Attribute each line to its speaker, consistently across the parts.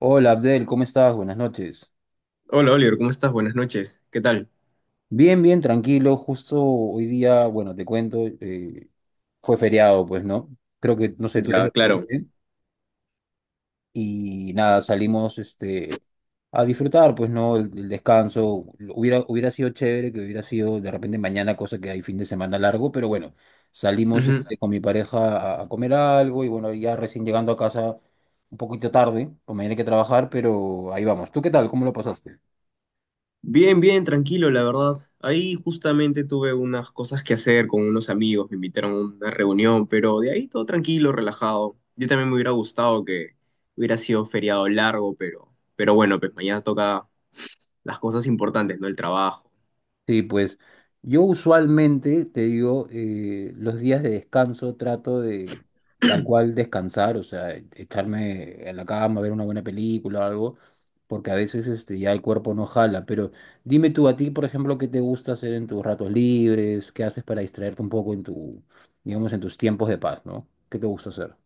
Speaker 1: Hola Abdel, ¿cómo estás? Buenas noches.
Speaker 2: Hola Oliver, ¿cómo estás? Buenas noches. ¿Qué tal?
Speaker 1: Bien, bien, tranquilo. Justo hoy día, bueno, te cuento, fue feriado, pues, ¿no? Creo que, no sé, tú eres
Speaker 2: Ya,
Speaker 1: de Perú,
Speaker 2: claro.
Speaker 1: ¿eh? Y nada, salimos a disfrutar, pues, ¿no? El descanso. Hubiera sido chévere que hubiera sido de repente mañana, cosa que hay fin de semana largo, pero bueno, salimos
Speaker 2: Ujú.
Speaker 1: con mi pareja a comer algo y bueno, ya recién llegando a casa un poquito tarde, pues mañana hay que trabajar, pero ahí vamos. ¿Tú qué tal? ¿Cómo lo pasaste?
Speaker 2: Bien, bien, tranquilo, la verdad. Ahí justamente tuve unas cosas que hacer con unos amigos, me invitaron a una reunión, pero de ahí todo tranquilo, relajado. Yo también me hubiera gustado que hubiera sido feriado largo, pero bueno, pues mañana toca las cosas importantes, ¿no? El trabajo.
Speaker 1: Sí, pues yo usualmente, te digo, los días de descanso trato de tal cual descansar, o sea, echarme en la cama, ver una buena película o algo, porque a veces ya el cuerpo no jala. Pero dime tú, a ti, por ejemplo, ¿qué te gusta hacer en tus ratos libres? ¿Qué haces para distraerte un poco en tu, digamos, en tus tiempos de paz, no? ¿Qué te gusta hacer?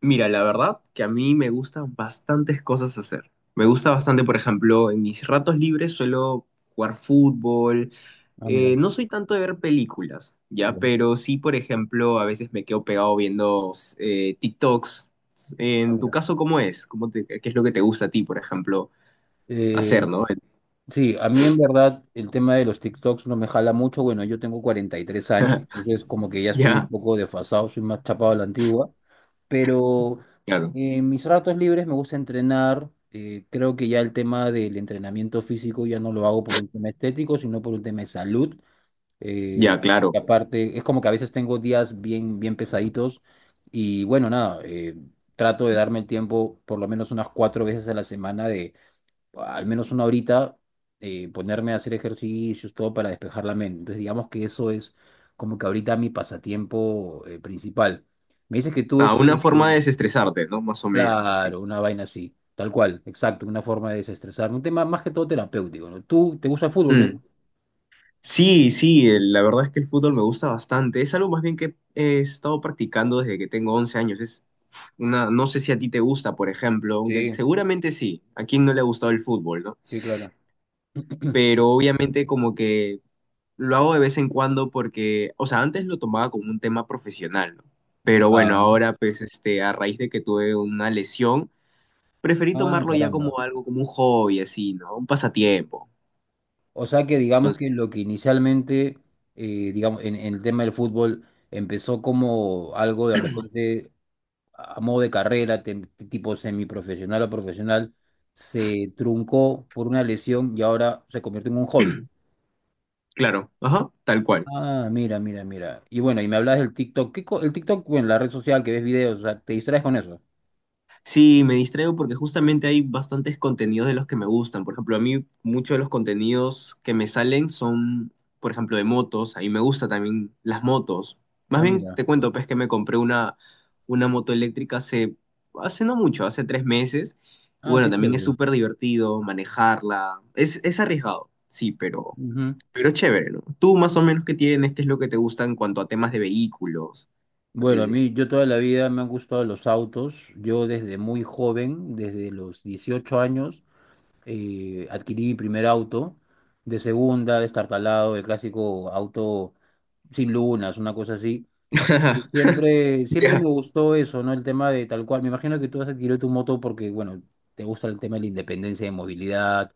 Speaker 2: Mira, la verdad que a mí me gustan bastantes cosas hacer. Me gusta bastante, por ejemplo, en mis ratos libres suelo jugar fútbol.
Speaker 1: Ah, mira.
Speaker 2: No soy tanto de ver películas, ¿ya?
Speaker 1: Ya.
Speaker 2: Pero sí, por ejemplo, a veces me quedo pegado viendo TikToks. En tu
Speaker 1: Ah,
Speaker 2: caso, ¿cómo es? ¿Qué es lo que te gusta a ti, por ejemplo, hacer,
Speaker 1: mira.
Speaker 2: ¿no?
Speaker 1: Sí, a mí en verdad el tema de los TikToks no me jala mucho. Bueno, yo tengo 43 años, entonces como que ya estoy un
Speaker 2: ¿Ya?
Speaker 1: poco desfasado, soy más chapado a la antigua. Pero
Speaker 2: Claro.
Speaker 1: en mis ratos libres me gusta entrenar. Creo que ya el tema del entrenamiento físico ya no lo hago por un tema estético, sino por un tema de salud. Eh,
Speaker 2: Ya, claro.
Speaker 1: y aparte, es como que a veces tengo días bien, bien pesaditos y bueno, nada, trato de darme el tiempo por lo menos unas 4 veces a la semana al menos una horita, ponerme a hacer ejercicios, todo para despejar la mente. Entonces, digamos que eso es como que ahorita mi pasatiempo, principal. Me dices que tú,
Speaker 2: Ah, una forma de desestresarte, ¿no? Más o menos, así.
Speaker 1: claro, una vaina así, tal cual, exacto, una forma de desestresar, un tema más que todo terapéutico, ¿no? ¿Tú te gusta el fútbol?
Speaker 2: Mm. Sí, sí, la verdad es que el fútbol me gusta bastante. Es algo más bien que he estado practicando desde que tengo 11 años. Es una, no sé si a ti te gusta, por ejemplo, aunque
Speaker 1: Sí,
Speaker 2: seguramente sí. ¿A quién no le ha gustado el fútbol, no?
Speaker 1: sí, claro.
Speaker 2: Pero obviamente como que lo hago de vez en cuando porque, o sea, antes lo tomaba como un tema profesional, ¿no? Pero bueno,
Speaker 1: Ah,
Speaker 2: ahora pues este, a raíz de que tuve una lesión, preferí
Speaker 1: ah,
Speaker 2: tomarlo ya
Speaker 1: caramba.
Speaker 2: como algo, como un hobby así, ¿no? Un pasatiempo.
Speaker 1: O sea que digamos
Speaker 2: Entonces,
Speaker 1: que lo que inicialmente, digamos, en el tema del fútbol empezó como algo de repente a modo de carrera, tipo semiprofesional o profesional, se truncó por una lesión y ahora se convierte en un hobby.
Speaker 2: claro, ajá, tal cual.
Speaker 1: Ah, mira, mira, mira. Y bueno, y me hablas del TikTok. El TikTok, bueno, la red social que ves videos, o sea, te distraes con eso.
Speaker 2: Sí, me distraigo porque justamente hay bastantes contenidos de los que me gustan. Por ejemplo, a mí muchos de los contenidos que me salen son, por ejemplo, de motos. A mí me gusta también las motos. Más
Speaker 1: Ah,
Speaker 2: bien
Speaker 1: mira.
Speaker 2: te cuento, pues, que me compré una moto eléctrica hace no mucho, hace 3 meses. Y
Speaker 1: Ah,
Speaker 2: bueno,
Speaker 1: qué
Speaker 2: también es
Speaker 1: chévere.
Speaker 2: súper divertido manejarla. Es arriesgado, sí, pero,
Speaker 1: Ujú.
Speaker 2: pero es chévere, ¿no? Tú más o menos qué tienes, qué es lo que te gusta en cuanto a temas de vehículos,
Speaker 1: Bueno, a
Speaker 2: así.
Speaker 1: mí, yo toda la vida me han gustado los autos. Yo desde muy joven, desde los 18 años, adquirí mi primer auto. De segunda, destartalado, el clásico auto sin lunas, una cosa así. Y siempre, siempre
Speaker 2: Ya.
Speaker 1: me gustó eso, ¿no? El tema de tal cual. Me imagino que tú has adquirido tu moto porque, bueno, te gusta el tema de la independencia de movilidad,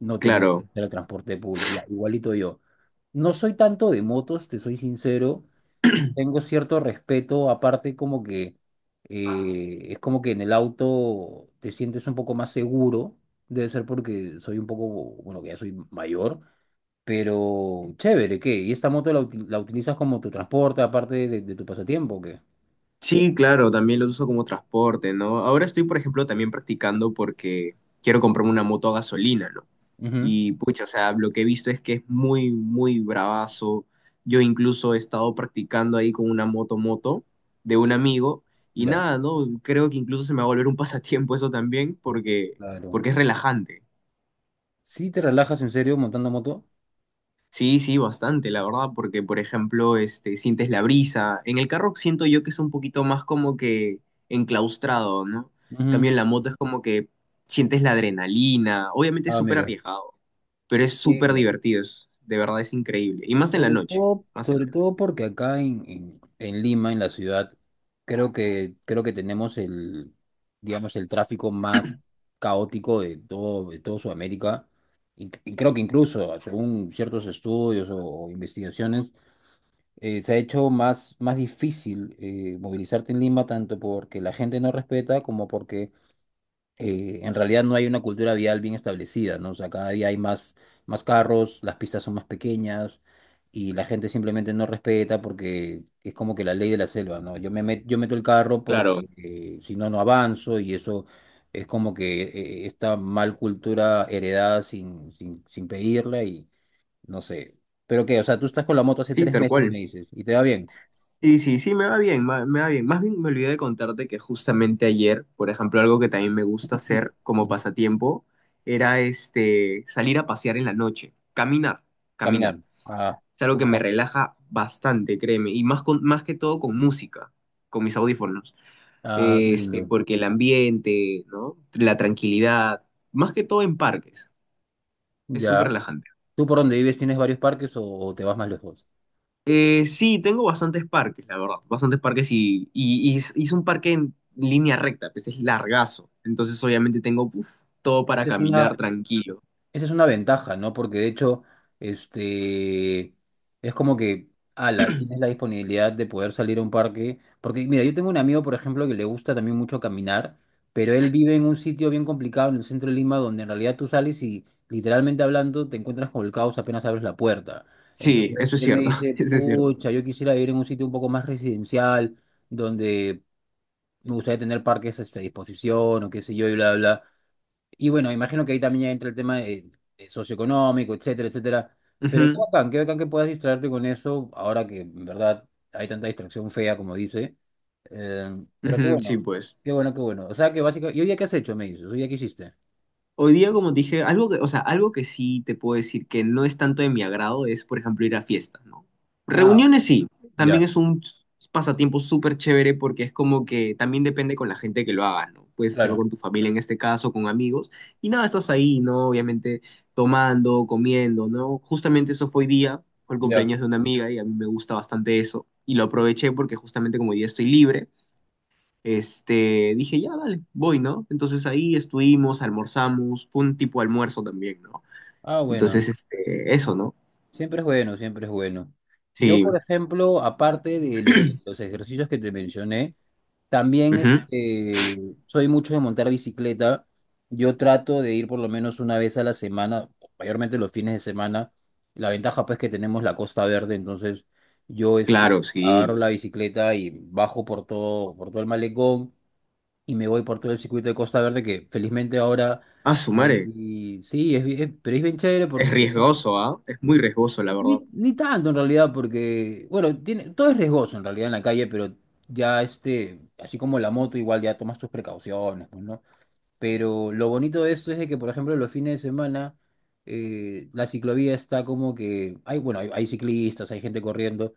Speaker 1: no tener que
Speaker 2: Claro.
Speaker 1: usar el transporte público. Ya, igualito yo. No soy tanto de motos, te soy sincero. Tengo cierto respeto, aparte como que es como que en el auto te sientes un poco más seguro. Debe ser porque soy un poco, bueno, que ya soy mayor. Pero chévere, ¿qué? ¿Y esta moto la, la utilizas como tu transporte, aparte de tu pasatiempo, o qué?
Speaker 2: Sí, claro, también lo uso como transporte, ¿no? Ahora estoy, por ejemplo, también practicando porque quiero comprarme una moto a gasolina, ¿no?
Speaker 1: Ujú,
Speaker 2: Y pucha, o sea, lo que he visto es que es muy, muy bravazo. Yo incluso he estado practicando ahí con una moto de un amigo y
Speaker 1: ya,
Speaker 2: nada, ¿no? Creo que incluso se me va a volver un pasatiempo eso también porque,
Speaker 1: claro.
Speaker 2: porque es relajante.
Speaker 1: ¿Sí te relajas en serio montando moto?
Speaker 2: Sí, sí, bastante, la verdad, porque por ejemplo, este, sientes la brisa. En el carro siento yo que es un poquito más como que enclaustrado, ¿no? En
Speaker 1: Ujú.
Speaker 2: cambio, en la moto es como que sientes la adrenalina. Obviamente es
Speaker 1: Ah,
Speaker 2: súper
Speaker 1: mira.
Speaker 2: arriesgado, pero es
Speaker 1: Sí,
Speaker 2: súper
Speaker 1: claro.
Speaker 2: divertido, de verdad es increíble. Y más en la noche, más en la-
Speaker 1: Sobre todo porque acá en Lima, en la ciudad, creo que tenemos el, digamos, el tráfico más caótico de todo Sudamérica. Y creo que incluso, según ciertos estudios o investigaciones, se ha hecho más difícil, movilizarte en Lima, tanto porque la gente no respeta como porque en realidad no hay una cultura vial bien establecida, ¿no? O sea, cada día hay más carros, las pistas son más pequeñas y la gente simplemente no respeta porque es como que la ley de la selva, ¿no? Yo meto el carro porque,
Speaker 2: Claro.
Speaker 1: si no, no avanzo, y eso es como que esta mal cultura heredada sin pedirla, y no sé. Pero que, o sea, tú estás con la moto hace
Speaker 2: Sí,
Speaker 1: tres
Speaker 2: tal
Speaker 1: meses, me
Speaker 2: cual.
Speaker 1: dices, y te va bien.
Speaker 2: Sí, sí, sí, me va bien, me va bien. Más bien me olvidé de contarte que justamente ayer, por ejemplo, algo que también me gusta
Speaker 1: Mm,
Speaker 2: hacer como
Speaker 1: ujú.
Speaker 2: pasatiempo era este salir a pasear en la noche, caminar,
Speaker 1: Caminar.
Speaker 2: caminar.
Speaker 1: Ah,
Speaker 2: Es algo
Speaker 1: qué
Speaker 2: que me
Speaker 1: bacán.
Speaker 2: relaja bastante, créeme, y más más que todo con música, con mis audífonos.
Speaker 1: Ah, qué lindo.
Speaker 2: Porque el ambiente, ¿no? La tranquilidad, más que todo en parques, es
Speaker 1: Ya.
Speaker 2: súper relajante.
Speaker 1: ¿Tú por dónde vives tienes varios parques o te vas más lejos?
Speaker 2: Sí, tengo bastantes parques, la verdad. Bastantes parques y hice un parque en línea recta, pues es largazo. Entonces, obviamente, tengo uf, todo para
Speaker 1: Es
Speaker 2: caminar
Speaker 1: una,
Speaker 2: tranquilo.
Speaker 1: Esa es una ventaja, ¿no? Porque de hecho, este, es como que, ala, tienes la disponibilidad de poder salir a un parque. Porque, mira, yo tengo un amigo, por ejemplo, que le gusta también mucho caminar, pero él vive en un sitio bien complicado en el centro de Lima, donde en realidad tú sales y, literalmente hablando, te encuentras con el caos apenas abres la puerta.
Speaker 2: Sí,
Speaker 1: Entonces,
Speaker 2: eso es
Speaker 1: él me
Speaker 2: cierto,
Speaker 1: dice,
Speaker 2: eso es cierto.
Speaker 1: pucha, yo quisiera vivir en un sitio un poco más residencial, donde me gustaría tener parques, a disposición o qué sé yo, y bla, bla. Y bueno, imagino que ahí también ya entra el tema de socioeconómico, etcétera, etcétera. Pero
Speaker 2: Ujú,
Speaker 1: qué bacán que puedas distraerte con eso, ahora que en verdad hay tanta distracción fea, como dice. Eh, pero qué
Speaker 2: ujú, sí,
Speaker 1: bueno,
Speaker 2: pues.
Speaker 1: qué bueno, qué bueno. O sea que básicamente, ¿y hoy día qué has hecho, me dices? ¿Hoy día qué hiciste?
Speaker 2: Hoy día, como te dije, algo que, o sea, algo que sí te puedo decir que no es tanto de mi agrado es, por ejemplo, ir a fiestas, ¿no?
Speaker 1: Ah,
Speaker 2: Reuniones sí, también
Speaker 1: ya,
Speaker 2: es un pasatiempo súper chévere porque es como que también depende con la gente que lo hagas, ¿no? Puedes hacerlo
Speaker 1: claro,
Speaker 2: con tu familia en este caso, con amigos, y nada, estás ahí, ¿no? Obviamente tomando, comiendo, ¿no? Justamente eso fue hoy día, fue el
Speaker 1: ya.
Speaker 2: cumpleaños de una amiga y a mí me gusta bastante eso, y lo aproveché porque justamente como hoy día estoy libre dije, ya, dale, voy, ¿no? Entonces ahí estuvimos, almorzamos, fue un tipo de almuerzo también, ¿no?
Speaker 1: Ah, bueno,
Speaker 2: Entonces, eso, ¿no?
Speaker 1: siempre es bueno, siempre es bueno. Yo,
Speaker 2: Sí,
Speaker 1: por ejemplo, aparte de los ejercicios que te mencioné, también
Speaker 2: ujú,
Speaker 1: soy mucho de montar bicicleta. Yo trato de ir por lo menos una vez a la semana, mayormente los fines de semana. La ventaja pues que tenemos la Costa Verde, entonces yo
Speaker 2: claro, sí.
Speaker 1: agarro la bicicleta y bajo por todo el malecón, y me voy por todo el circuito de Costa Verde que felizmente ahora
Speaker 2: Ah, su
Speaker 1: ahí
Speaker 2: madre,
Speaker 1: sí, pero es bien chévere
Speaker 2: es
Speaker 1: porque
Speaker 2: riesgoso, ¿ah? Es muy riesgoso, la verdad.
Speaker 1: ni, ni tanto en realidad, porque, bueno, todo es riesgoso en realidad en la calle, pero ya, así como la moto, igual ya tomas tus precauciones, pues, ¿no? Pero lo bonito de esto es de que, por ejemplo, los fines de semana la ciclovía está como que hay, bueno, hay ciclistas, hay gente corriendo,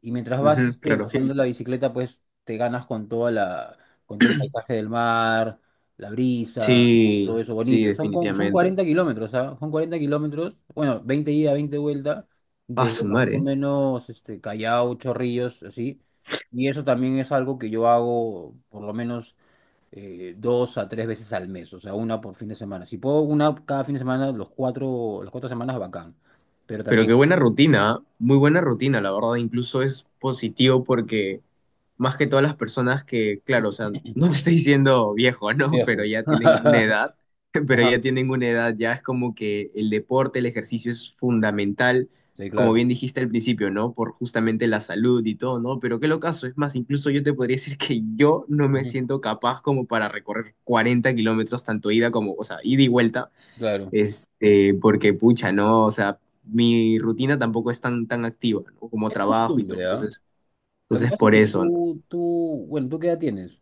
Speaker 1: y mientras vas,
Speaker 2: Ujú, claro.
Speaker 1: montando la bicicleta, pues te ganas con con todo el paisaje del mar, la brisa,
Speaker 2: Sí,
Speaker 1: todo eso
Speaker 2: sí,
Speaker 1: bonito. Son
Speaker 2: definitivamente.
Speaker 1: 40 kilómetros, ¿ah? Son 40 kilómetros, bueno, 20 ida, 20 vuelta,
Speaker 2: Ah,
Speaker 1: desde
Speaker 2: su
Speaker 1: más o
Speaker 2: madre.
Speaker 1: menos, Callao, Chorrillos, así. Y eso también es algo que yo hago, por lo menos, 2 a 3 veces al mes, o sea, una por fin de semana. Si puedo una cada fin de semana, los cuatro, las cuatro semanas, bacán. Pero
Speaker 2: Pero
Speaker 1: también
Speaker 2: qué buena rutina, ¿ah? Muy buena rutina, la verdad. Incluso es positivo porque más que todas las personas que, claro, o sea, no te estoy diciendo viejo, ¿no? Pero
Speaker 1: viejo.
Speaker 2: ya tienen una edad, pero
Speaker 1: Ajá,
Speaker 2: ya tienen una edad, ya es como que el deporte, el ejercicio es fundamental,
Speaker 1: sí,
Speaker 2: como
Speaker 1: claro.
Speaker 2: bien dijiste al principio, ¿no? Por justamente la salud y todo, ¿no? Pero qué locazo, es más, incluso yo te podría decir que yo no me
Speaker 1: Ujú,
Speaker 2: siento capaz como para recorrer 40 kilómetros, tanto ida como, o sea, ida y vuelta
Speaker 1: claro.
Speaker 2: porque pucha, ¿no? O sea, mi rutina tampoco es tan, tan activa, ¿no? Como
Speaker 1: Es
Speaker 2: trabajo y todo,
Speaker 1: costumbre, ¿ah?
Speaker 2: entonces,
Speaker 1: Lo que pasa es
Speaker 2: por
Speaker 1: que
Speaker 2: eso, ¿no?
Speaker 1: bueno, ¿tú qué edad tienes?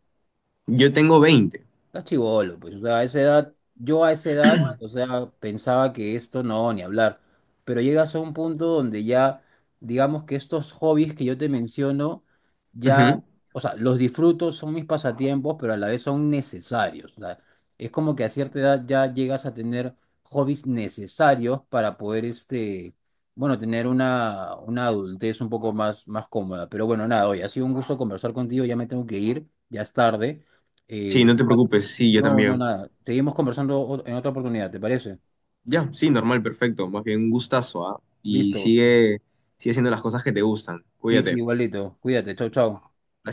Speaker 2: Yo tengo veinte.
Speaker 1: Está chibolo, pues, o sea, a esa edad, yo a esa edad, o sea, pensaba que esto no, ni hablar, pero llegas a un punto donde ya, digamos que estos hobbies que yo te menciono, ya,
Speaker 2: Ujú.
Speaker 1: o sea, los disfruto, son mis pasatiempos, pero a la vez son necesarios, o sea, es como que a cierta edad ya llegas a tener hobbies necesarios para poder, bueno, tener una adultez un poco más cómoda, pero bueno, nada, hoy ha sido un gusto conversar contigo, ya me tengo que ir, ya es tarde.
Speaker 2: Sí,
Speaker 1: Eh,
Speaker 2: no te preocupes, sí, yo
Speaker 1: no, no,
Speaker 2: también.
Speaker 1: nada. Seguimos conversando en otra oportunidad, ¿te parece?
Speaker 2: Ya, sí, normal, perfecto, más bien un gustazo, ¿ah? Y
Speaker 1: Listo.
Speaker 2: sigue, sigue haciendo las cosas que te gustan,
Speaker 1: Sí, sí,
Speaker 2: cuídate.
Speaker 1: igualito. Cuídate. Chau, chau.